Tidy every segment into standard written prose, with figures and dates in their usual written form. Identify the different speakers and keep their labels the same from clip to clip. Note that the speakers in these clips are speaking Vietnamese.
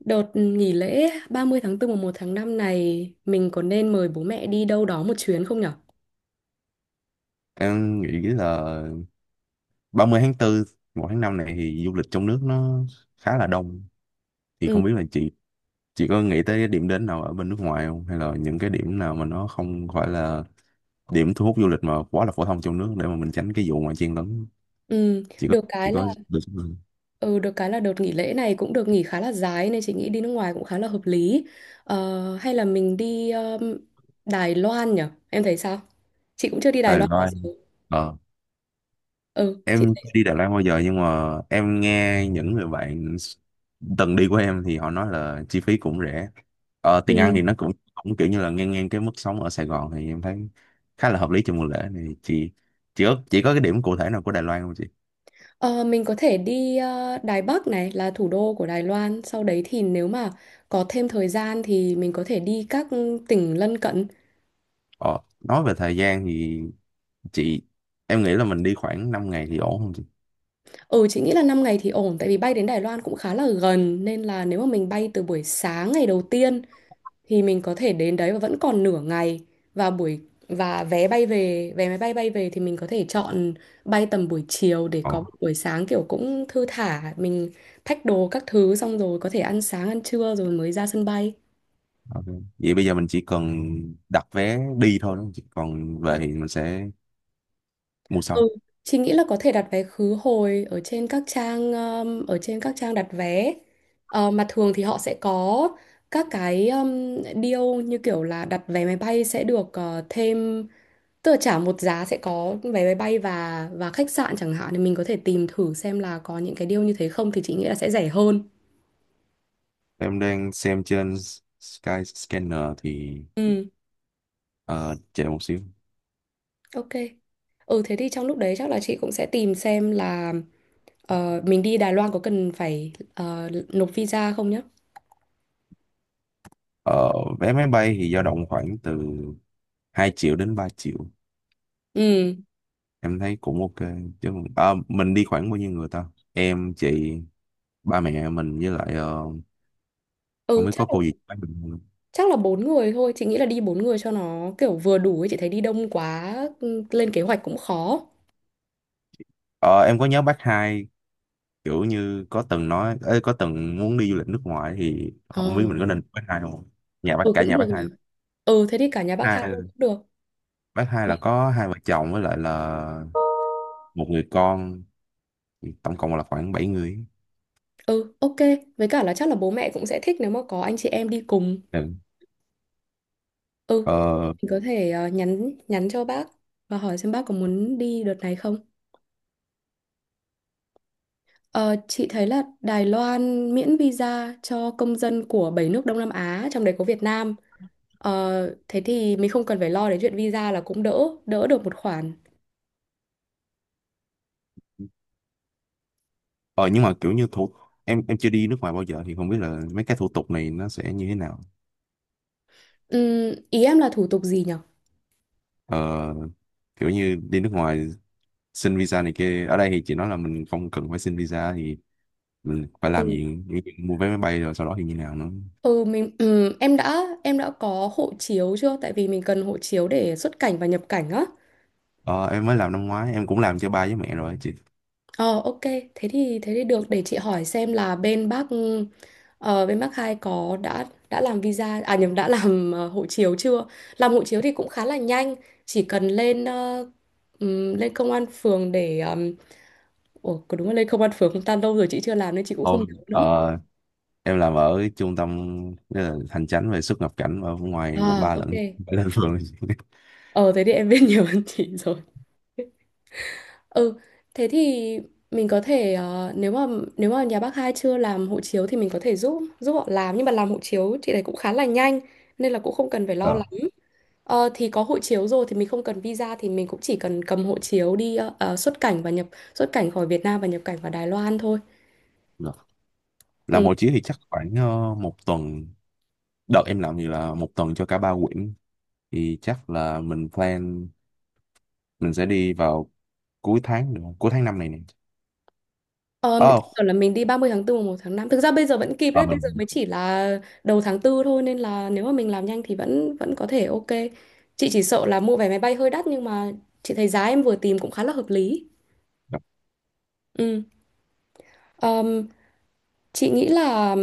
Speaker 1: Đợt nghỉ lễ 30 tháng 4 và 1 tháng 5 này mình có nên mời bố mẹ đi đâu đó một chuyến không nhở?
Speaker 2: Em nghĩ là 30 tháng 4, 1 tháng 5 này thì du lịch trong nước nó khá là đông. Thì
Speaker 1: Ừ,
Speaker 2: không biết là chị có nghĩ tới cái điểm đến nào ở bên nước ngoài không? Hay là những cái điểm nào mà nó không phải là điểm thu hút du lịch mà quá là phổ thông trong nước để mà mình tránh cái vụ mà chen lấn.
Speaker 1: ừ,
Speaker 2: Chị có
Speaker 1: được
Speaker 2: chị
Speaker 1: cái là
Speaker 2: có được không?
Speaker 1: ừ, được cái là đợt nghỉ lễ này cũng được nghỉ khá là dài nên chị nghĩ đi nước ngoài cũng khá là hợp lý. Ờ, hay là mình đi Đài Loan nhở? Em thấy sao? Chị cũng chưa đi Đài
Speaker 2: Đài
Speaker 1: Loan bao
Speaker 2: Loan.
Speaker 1: giờ. Ừ, chị
Speaker 2: Em chưa
Speaker 1: thấy.
Speaker 2: đi Đà Lạt bao giờ nhưng mà em nghe những người bạn từng đi của em thì họ nói là chi phí cũng rẻ, tiền ăn
Speaker 1: Ừ.
Speaker 2: thì nó cũng cũng kiểu như là ngang ngang cái mức sống ở Sài Gòn thì em thấy khá là hợp lý cho mùa lễ này chị. Chỉ có cái điểm cụ thể nào của Đài Loan không chị?
Speaker 1: Ờ, mình có thể đi Đài Bắc này là thủ đô của Đài Loan. Sau đấy thì nếu mà có thêm thời gian thì mình có thể đi các tỉnh lân cận.
Speaker 2: Ờ, nói về thời gian thì chị, em nghĩ là mình đi khoảng 5 ngày thì ổn không chị?
Speaker 1: Ừ, chị nghĩ là 5 ngày thì ổn tại vì bay đến Đài Loan cũng khá là gần nên là nếu mà mình bay từ buổi sáng ngày đầu tiên thì mình có thể đến đấy và vẫn còn nửa ngày và buổi và vé máy bay bay về thì mình có thể chọn bay tầm buổi chiều để
Speaker 2: ờ,
Speaker 1: có một buổi sáng kiểu cũng thư thả mình thách đồ các thứ xong rồi có thể ăn sáng ăn trưa rồi mới ra sân bay.
Speaker 2: ok. Vậy bây giờ mình chỉ cần đặt vé đi thôi đúng không chị, còn về thì mình sẽ mua sau.
Speaker 1: Ừ. Chị nghĩ là có thể đặt vé khứ hồi ở trên các trang đặt vé. Ờ, mà thường thì họ sẽ có các cái deal như kiểu là đặt vé máy bay sẽ được thêm, tức là trả một giá sẽ có vé máy bay và khách sạn chẳng hạn thì mình có thể tìm thử xem là có những cái deal như thế không thì chị nghĩ là sẽ rẻ hơn.
Speaker 2: Em đang xem trên Skyscanner thì
Speaker 1: Ừ,
Speaker 2: ờ, chờ một xíu.
Speaker 1: ok. Ừ, thế thì trong lúc đấy chắc là chị cũng sẽ tìm xem là mình đi Đài Loan có cần phải nộp visa không nhá.
Speaker 2: Ờ, vé máy bay thì dao động khoảng từ 2 triệu đến 3 triệu.
Speaker 1: Ừ.
Speaker 2: Em thấy cũng ok. Chứ à, mình đi khoảng bao nhiêu người ta? Em, chị, ba mẹ mình với lại, không
Speaker 1: Ừ,
Speaker 2: biết có
Speaker 1: chắc
Speaker 2: cô
Speaker 1: là,
Speaker 2: gì bác mình không?
Speaker 1: chắc là 4 người thôi. Chị nghĩ là đi 4 người cho nó kiểu vừa đủ ấy. Chị thấy đi đông quá lên kế hoạch cũng khó.
Speaker 2: Ờ, em có nhớ bác hai kiểu như có từng nói, ê, có từng muốn đi du lịch nước ngoài thì
Speaker 1: Ờ
Speaker 2: không biết mình có nên bác hai không? Nhà bác
Speaker 1: Ừ,
Speaker 2: cả,
Speaker 1: cũng
Speaker 2: nhà bác
Speaker 1: được nhỉ.
Speaker 2: hai.
Speaker 1: Ừ, thế thì cả nhà bác hai luôn cũng
Speaker 2: Hai
Speaker 1: được.
Speaker 2: bác hai là
Speaker 1: Mà-
Speaker 2: có hai vợ chồng với lại là một người con, tổng cộng là khoảng 7 người.
Speaker 1: Ừ, ok. Với cả là chắc là bố mẹ cũng sẽ thích nếu mà có anh chị em đi cùng.
Speaker 2: Ừ.
Speaker 1: Ừ,
Speaker 2: ờ,
Speaker 1: mình có thể nhắn nhắn cho bác. Và hỏi xem bác có muốn đi đợt này không. Ờ, chị thấy là Đài Loan miễn visa cho công dân của 7 nước Đông Nam Á, trong đấy có Việt Nam. Ờ, thế thì mình không cần phải lo đến chuyện visa là cũng đỡ được một khoản.
Speaker 2: ờ nhưng mà kiểu như thủ em chưa đi nước ngoài bao giờ thì không biết là mấy cái thủ tục này nó sẽ như thế nào.
Speaker 1: Ý em là thủ tục gì nhỉ?
Speaker 2: ờ, Kiểu như đi nước ngoài xin visa này kia, ở đây thì chị nói là mình không cần phải xin visa thì mình phải làm
Speaker 1: Ừ,
Speaker 2: gì? Như chuyện mua vé máy bay rồi sau đó thì như nào nữa?
Speaker 1: ừ, mình em đã có hộ chiếu chưa? Tại vì mình cần hộ chiếu để xuất cảnh và nhập cảnh á.
Speaker 2: Ờ, em mới làm năm ngoái, em cũng làm cho ba với mẹ rồi chị.
Speaker 1: Ờ, ok, thế thì được, để chị hỏi xem là bên bác hai có đã làm visa, à nhầm, đã làm hộ chiếu chưa? Làm hộ chiếu thì cũng khá là nhanh, chỉ cần lên công an phường để ủa, có đúng là lên công an phường không ta, lâu rồi chị chưa làm nên chị cũng không nhớ nữa.
Speaker 2: ờ, em làm ở trung tâm, hành chánh về xuất nhập cảnh ở ngoài quận
Speaker 1: À,
Speaker 2: ba
Speaker 1: ok.
Speaker 2: lẫn lên phường.
Speaker 1: Ờ Thế thì em biết nhiều hơn chị rồi. Ừ, thế thì mình có thể nếu mà nhà bác hai chưa làm hộ chiếu thì mình có thể giúp giúp họ làm, nhưng mà làm hộ chiếu chị này cũng khá là nhanh nên là cũng không cần phải lo lắng. Ờ, thì có hộ chiếu rồi thì mình không cần visa thì mình cũng chỉ cần cầm hộ chiếu đi xuất cảnh và nhập xuất cảnh khỏi Việt Nam và nhập cảnh vào Đài Loan thôi.
Speaker 2: Ờ. Làm
Speaker 1: Ừ.
Speaker 2: hộ chiếu thì chắc khoảng 1 tuần, đợt em làm thì là 1 tuần cho cả 3 quyển. Thì chắc là mình plan mình sẽ đi vào cuối tháng được không? Cuối tháng năm này nè.
Speaker 1: Ờ,
Speaker 2: ờ
Speaker 1: kiểu là mình đi 30 tháng 4, mùng 1 tháng 5. Thực ra bây giờ vẫn kịp
Speaker 2: ờ,
Speaker 1: đấy, bây giờ
Speaker 2: mình
Speaker 1: mới chỉ là đầu tháng 4 thôi nên là nếu mà mình làm nhanh thì vẫn vẫn có thể ok. Chị chỉ sợ là mua vé máy bay hơi đắt nhưng mà chị thấy giá em vừa tìm cũng khá là hợp lý.
Speaker 2: đặt
Speaker 1: Ừ. Ờm, chị nghĩ là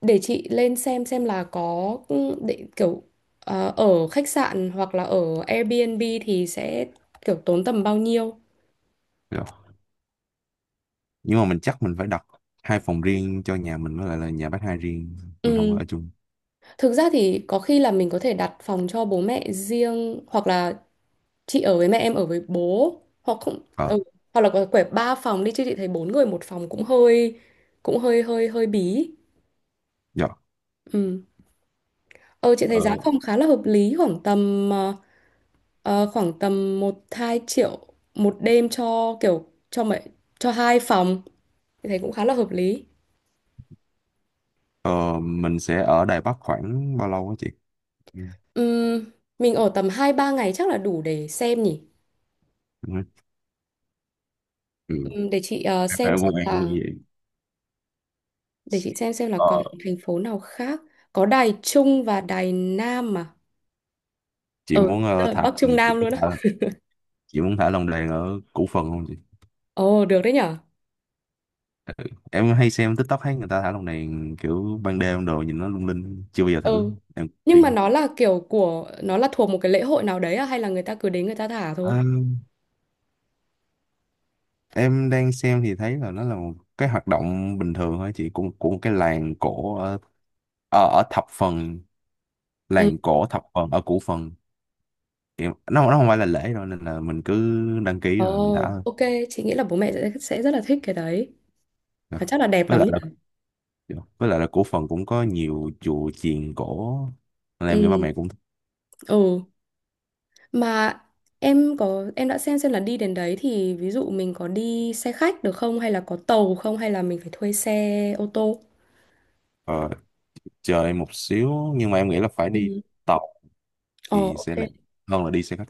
Speaker 1: để chị lên xem là có ừ, để kiểu ờ, ở khách sạn hoặc là ở Airbnb thì sẽ kiểu tốn tầm bao nhiêu.
Speaker 2: được. Nhưng mà mình chắc mình phải đặt 2 phòng riêng cho nhà mình với lại là nhà bác hai riêng, mình không có
Speaker 1: Ừ.
Speaker 2: ở chung.
Speaker 1: Thực ra thì có khi là mình có thể đặt phòng cho bố mẹ riêng hoặc là chị ở với mẹ em ở với bố, hoặc không
Speaker 2: Ờ.
Speaker 1: Hoặc là có quẻ 3 phòng đi chứ chị thấy 4 người 1 phòng cũng hơi hơi hơi bí.
Speaker 2: Dạ.
Speaker 1: Ừ. ờ chị thấy giá
Speaker 2: ờ,
Speaker 1: phòng khá là hợp lý, khoảng tầm khoảng tầm 1-2 triệu 1 đêm cho kiểu cho mấy cho 2 phòng, chị thấy cũng khá là hợp lý.
Speaker 2: ờ, mình sẽ ở Đài Bắc khoảng bao lâu á chị? Ừ.
Speaker 1: Ừm, mình ở tầm 2-3 ngày chắc là đủ để xem nhỉ.
Speaker 2: Ừ.
Speaker 1: Ừm, để chị ờ,
Speaker 2: Em
Speaker 1: xem
Speaker 2: em cũng
Speaker 1: xem
Speaker 2: em cũng
Speaker 1: là
Speaker 2: vậy.
Speaker 1: để chị xem là còn
Speaker 2: ờ,
Speaker 1: thành phố nào khác. Có Đài Trung và Đài Nam mà.
Speaker 2: chị
Speaker 1: Ừ,
Speaker 2: muốn ờ,
Speaker 1: là
Speaker 2: thả
Speaker 1: Bắc
Speaker 2: chị
Speaker 1: Trung Nam
Speaker 2: muốn
Speaker 1: luôn á.
Speaker 2: thả chị muốn thả lồng đèn ở Củ Phần không?
Speaker 1: Ồ, được đấy nhở.
Speaker 2: Em hay xem TikTok thấy người ta thả lồng đèn kiểu ban đêm đồ, nhìn nó lung linh, chưa bao giờ thử.
Speaker 1: Ừ.
Speaker 2: Em
Speaker 1: Nhưng mà
Speaker 2: tiên.
Speaker 1: nó là kiểu của nó là thuộc một cái lễ hội nào đấy à, hay là người ta cứ đến người ta thả
Speaker 2: Ờ,
Speaker 1: thôi?
Speaker 2: em đang xem thì thấy là nó là một cái hoạt động bình thường thôi chị, của một cái làng cổ ở ở, ở thập phần,
Speaker 1: Ừ.
Speaker 2: làng cổ thập phần ở Củ Phần. Thì nó không phải là lễ đâu nên là mình cứ đăng ký rồi mình thả
Speaker 1: Ồ,
Speaker 2: thôi.
Speaker 1: ok, chị nghĩ là bố mẹ sẽ rất là thích cái đấy.
Speaker 2: Dạ.
Speaker 1: Và chắc là đẹp
Speaker 2: Với
Speaker 1: lắm
Speaker 2: lại là,
Speaker 1: nhỉ.
Speaker 2: dạ, với lại là Củ Phần cũng có nhiều chùa chiền cổ nên em nghĩ ba
Speaker 1: Ừ.
Speaker 2: mẹ cũng thích.
Speaker 1: Ừ. Mà em có em đã xem là đi đến đấy thì ví dụ mình có đi xe khách được không, hay là có tàu không, hay là mình phải thuê xe ô tô?
Speaker 2: ờ, Chờ em một xíu, nhưng mà em nghĩ là phải đi
Speaker 1: Ừ.
Speaker 2: tàu
Speaker 1: Ồ,
Speaker 2: thì sẽ
Speaker 1: ok.
Speaker 2: lẹ hơn là đi xe khách.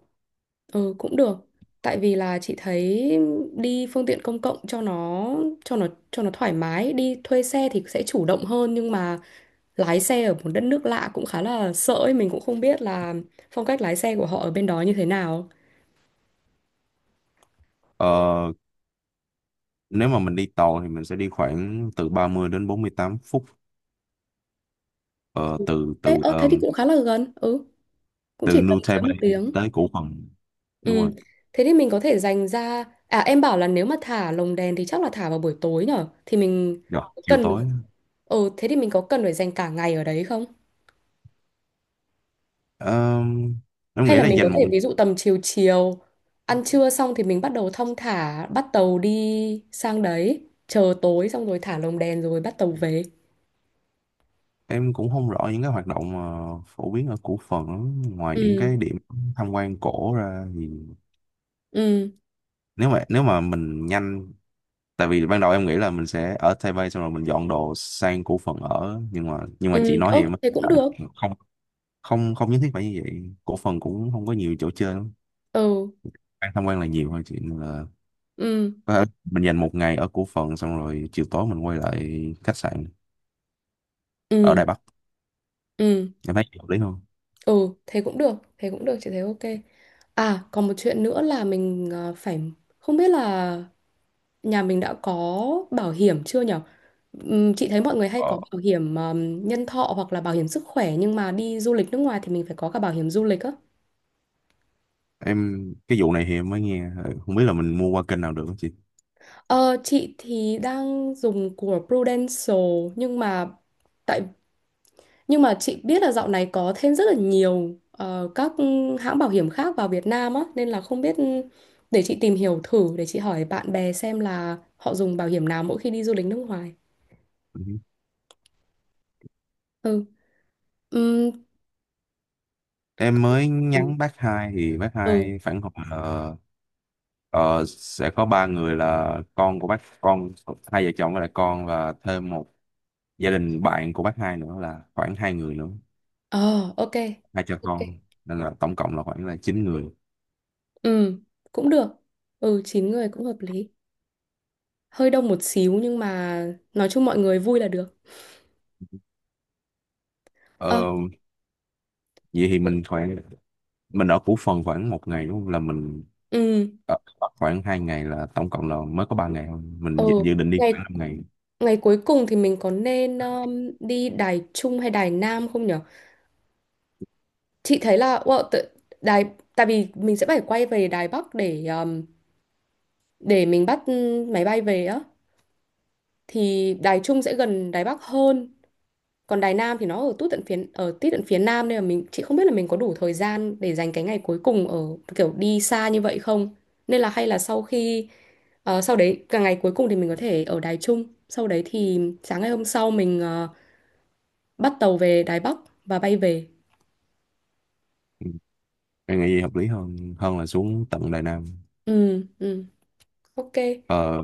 Speaker 1: Ừ, cũng được. Tại vì là chị thấy đi phương tiện công cộng cho nó thoải mái, đi thuê xe thì sẽ chủ động hơn nhưng mà lái xe ở một đất nước lạ cũng khá là sợ ấy, mình cũng không biết là phong cách lái xe của họ ở bên đó như thế nào.
Speaker 2: Ờ, nếu mà mình đi tàu thì mình sẽ đi khoảng từ 30 đến 48 phút, ờ,
Speaker 1: Ừ.
Speaker 2: từ
Speaker 1: Ê,
Speaker 2: từ
Speaker 1: ơ
Speaker 2: ờ,
Speaker 1: thế thì cũng khá là gần. Ừ, cũng
Speaker 2: từ
Speaker 1: chỉ tầm
Speaker 2: New
Speaker 1: dưới một
Speaker 2: Taipei
Speaker 1: tiếng.
Speaker 2: tới Củ Phần, đúng rồi.
Speaker 1: Ừ. Thế thì mình có thể dành ra, à em bảo là nếu mà thả lồng đèn thì chắc là thả vào buổi tối nhở? Thì mình
Speaker 2: Rồi chiều
Speaker 1: cần,
Speaker 2: tối.
Speaker 1: ừ, thế thì mình có cần phải dành cả ngày ở đấy không?
Speaker 2: Ờ, em
Speaker 1: Hay
Speaker 2: nghĩ
Speaker 1: là
Speaker 2: là
Speaker 1: mình
Speaker 2: dành
Speaker 1: có
Speaker 2: một,
Speaker 1: thể ví dụ tầm chiều chiều, ăn trưa xong thì mình bắt đầu thong thả bắt tàu đi sang đấy, chờ tối xong rồi thả lồng đèn rồi bắt tàu về.
Speaker 2: em cũng không rõ những cái hoạt động mà phổ biến ở Củ Phần lắm, ngoài những
Speaker 1: Ừ,
Speaker 2: cái điểm tham quan cổ ra thì,
Speaker 1: ừ,
Speaker 2: nếu mà mình nhanh, tại vì ban đầu em nghĩ là mình sẽ ở Taipei xong rồi mình dọn đồ sang Củ Phần ở nhưng mà,
Speaker 1: ừ,
Speaker 2: chị nói thì
Speaker 1: ơ
Speaker 2: em mới-
Speaker 1: thế cũng
Speaker 2: tại,
Speaker 1: được.
Speaker 2: không, không, không nhất thiết phải như vậy. Cổ phần cũng không có nhiều chỗ chơi lắm,
Speaker 1: Ừ,
Speaker 2: ăn tham quan là nhiều thôi, chuyện là
Speaker 1: ừ,
Speaker 2: có thể mình dành 1 ngày ở cổ phần xong rồi chiều tối mình quay lại khách sạn ở
Speaker 1: ừ,
Speaker 2: Đài Bắc,
Speaker 1: ừ,
Speaker 2: em thấy hợp lý không?
Speaker 1: ừ, thế cũng được, chị thấy ok. À, còn một chuyện nữa là mình ờ, phải không biết là nhà mình đã có bảo hiểm chưa nhở? Chị thấy mọi người hay
Speaker 2: ờ,
Speaker 1: có bảo hiểm nhân thọ hoặc là bảo hiểm sức khỏe nhưng mà đi du lịch nước ngoài thì mình phải có cả bảo hiểm du lịch á.
Speaker 2: em, cái vụ này thì em mới nghe, ừ, không biết là mình mua qua kênh nào được không chị?
Speaker 1: Ờ, chị thì đang dùng của Prudential tại nhưng mà chị biết là dạo này có thêm rất là nhiều các hãng bảo hiểm khác vào Việt Nam á nên là không biết, để chị tìm hiểu thử, để chị hỏi bạn bè xem là họ dùng bảo hiểm nào mỗi khi đi du lịch nước ngoài.
Speaker 2: Ừ.
Speaker 1: Ừ. Ừm,
Speaker 2: Em mới nhắn bác hai thì bác
Speaker 1: Ừ.
Speaker 2: hai phản hồi là sẽ có 3 người là con của bác, con hai vợ chồng với lại con, và thêm một gia đình bạn của bác hai nữa là khoảng 2 người nữa,
Speaker 1: Ờ, ok.
Speaker 2: hai cha
Speaker 1: Ok.
Speaker 2: con, nên là tổng cộng là khoảng là 9 người.
Speaker 1: Ừ, cũng được. Ừ, 9 người cũng hợp lý. Hơi đông một xíu nhưng mà nói chung mọi người vui là được. Ờ,
Speaker 2: ờ, Vậy thì mình khoảng, mình ở Củ Phần khoảng 1 ngày đúng không, là mình
Speaker 1: ừ,
Speaker 2: ở Bắc khoảng 2 ngày là tổng cộng là mới có 3 ngày thôi, mình
Speaker 1: ừ.
Speaker 2: dự định đi
Speaker 1: Ngày
Speaker 2: khoảng 5 ngày.
Speaker 1: Ngày cuối cùng thì mình có nên đi Đài Trung hay Đài Nam không nhở? Chị thấy là wow, tự, Đài tại vì mình sẽ phải quay về Đài Bắc để mình bắt máy bay về á, thì Đài Trung sẽ gần Đài Bắc hơn, còn Đài Nam thì nó ở tít tận phía Nam nên là chị không biết là mình có đủ thời gian để dành cái ngày cuối cùng ở kiểu đi xa như vậy không, nên là hay là sau khi sau đấy cả ngày cuối cùng thì mình có thể ở Đài Trung, sau đấy thì sáng ngày hôm sau mình bắt tàu về Đài Bắc và bay về.
Speaker 2: Em nghĩ gì hợp lý hơn hơn là xuống tận Đài Nam.
Speaker 1: Ừ, ừ, ok.
Speaker 2: ờ,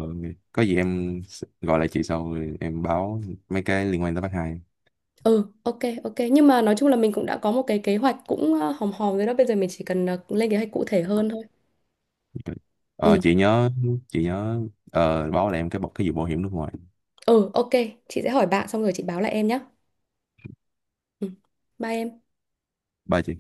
Speaker 2: có gì em s- gọi lại chị sau rồi em báo mấy cái liên quan tới bác hai.
Speaker 1: Ừ, ok, ok, nhưng mà nói chung là mình cũng đã có một cái kế hoạch cũng hòm hòm rồi đó, bây giờ mình chỉ cần lên kế hoạch cụ thể hơn thôi.
Speaker 2: ờ,
Speaker 1: Ừ,
Speaker 2: chị nhớ chị nhớ báo lại em cái bọc cái vụ bảo hiểm nước ngoài.
Speaker 1: ừ, ok. Chị sẽ hỏi bạn xong rồi chị báo lại em nhé. Ừ, bye em.
Speaker 2: Ba chị.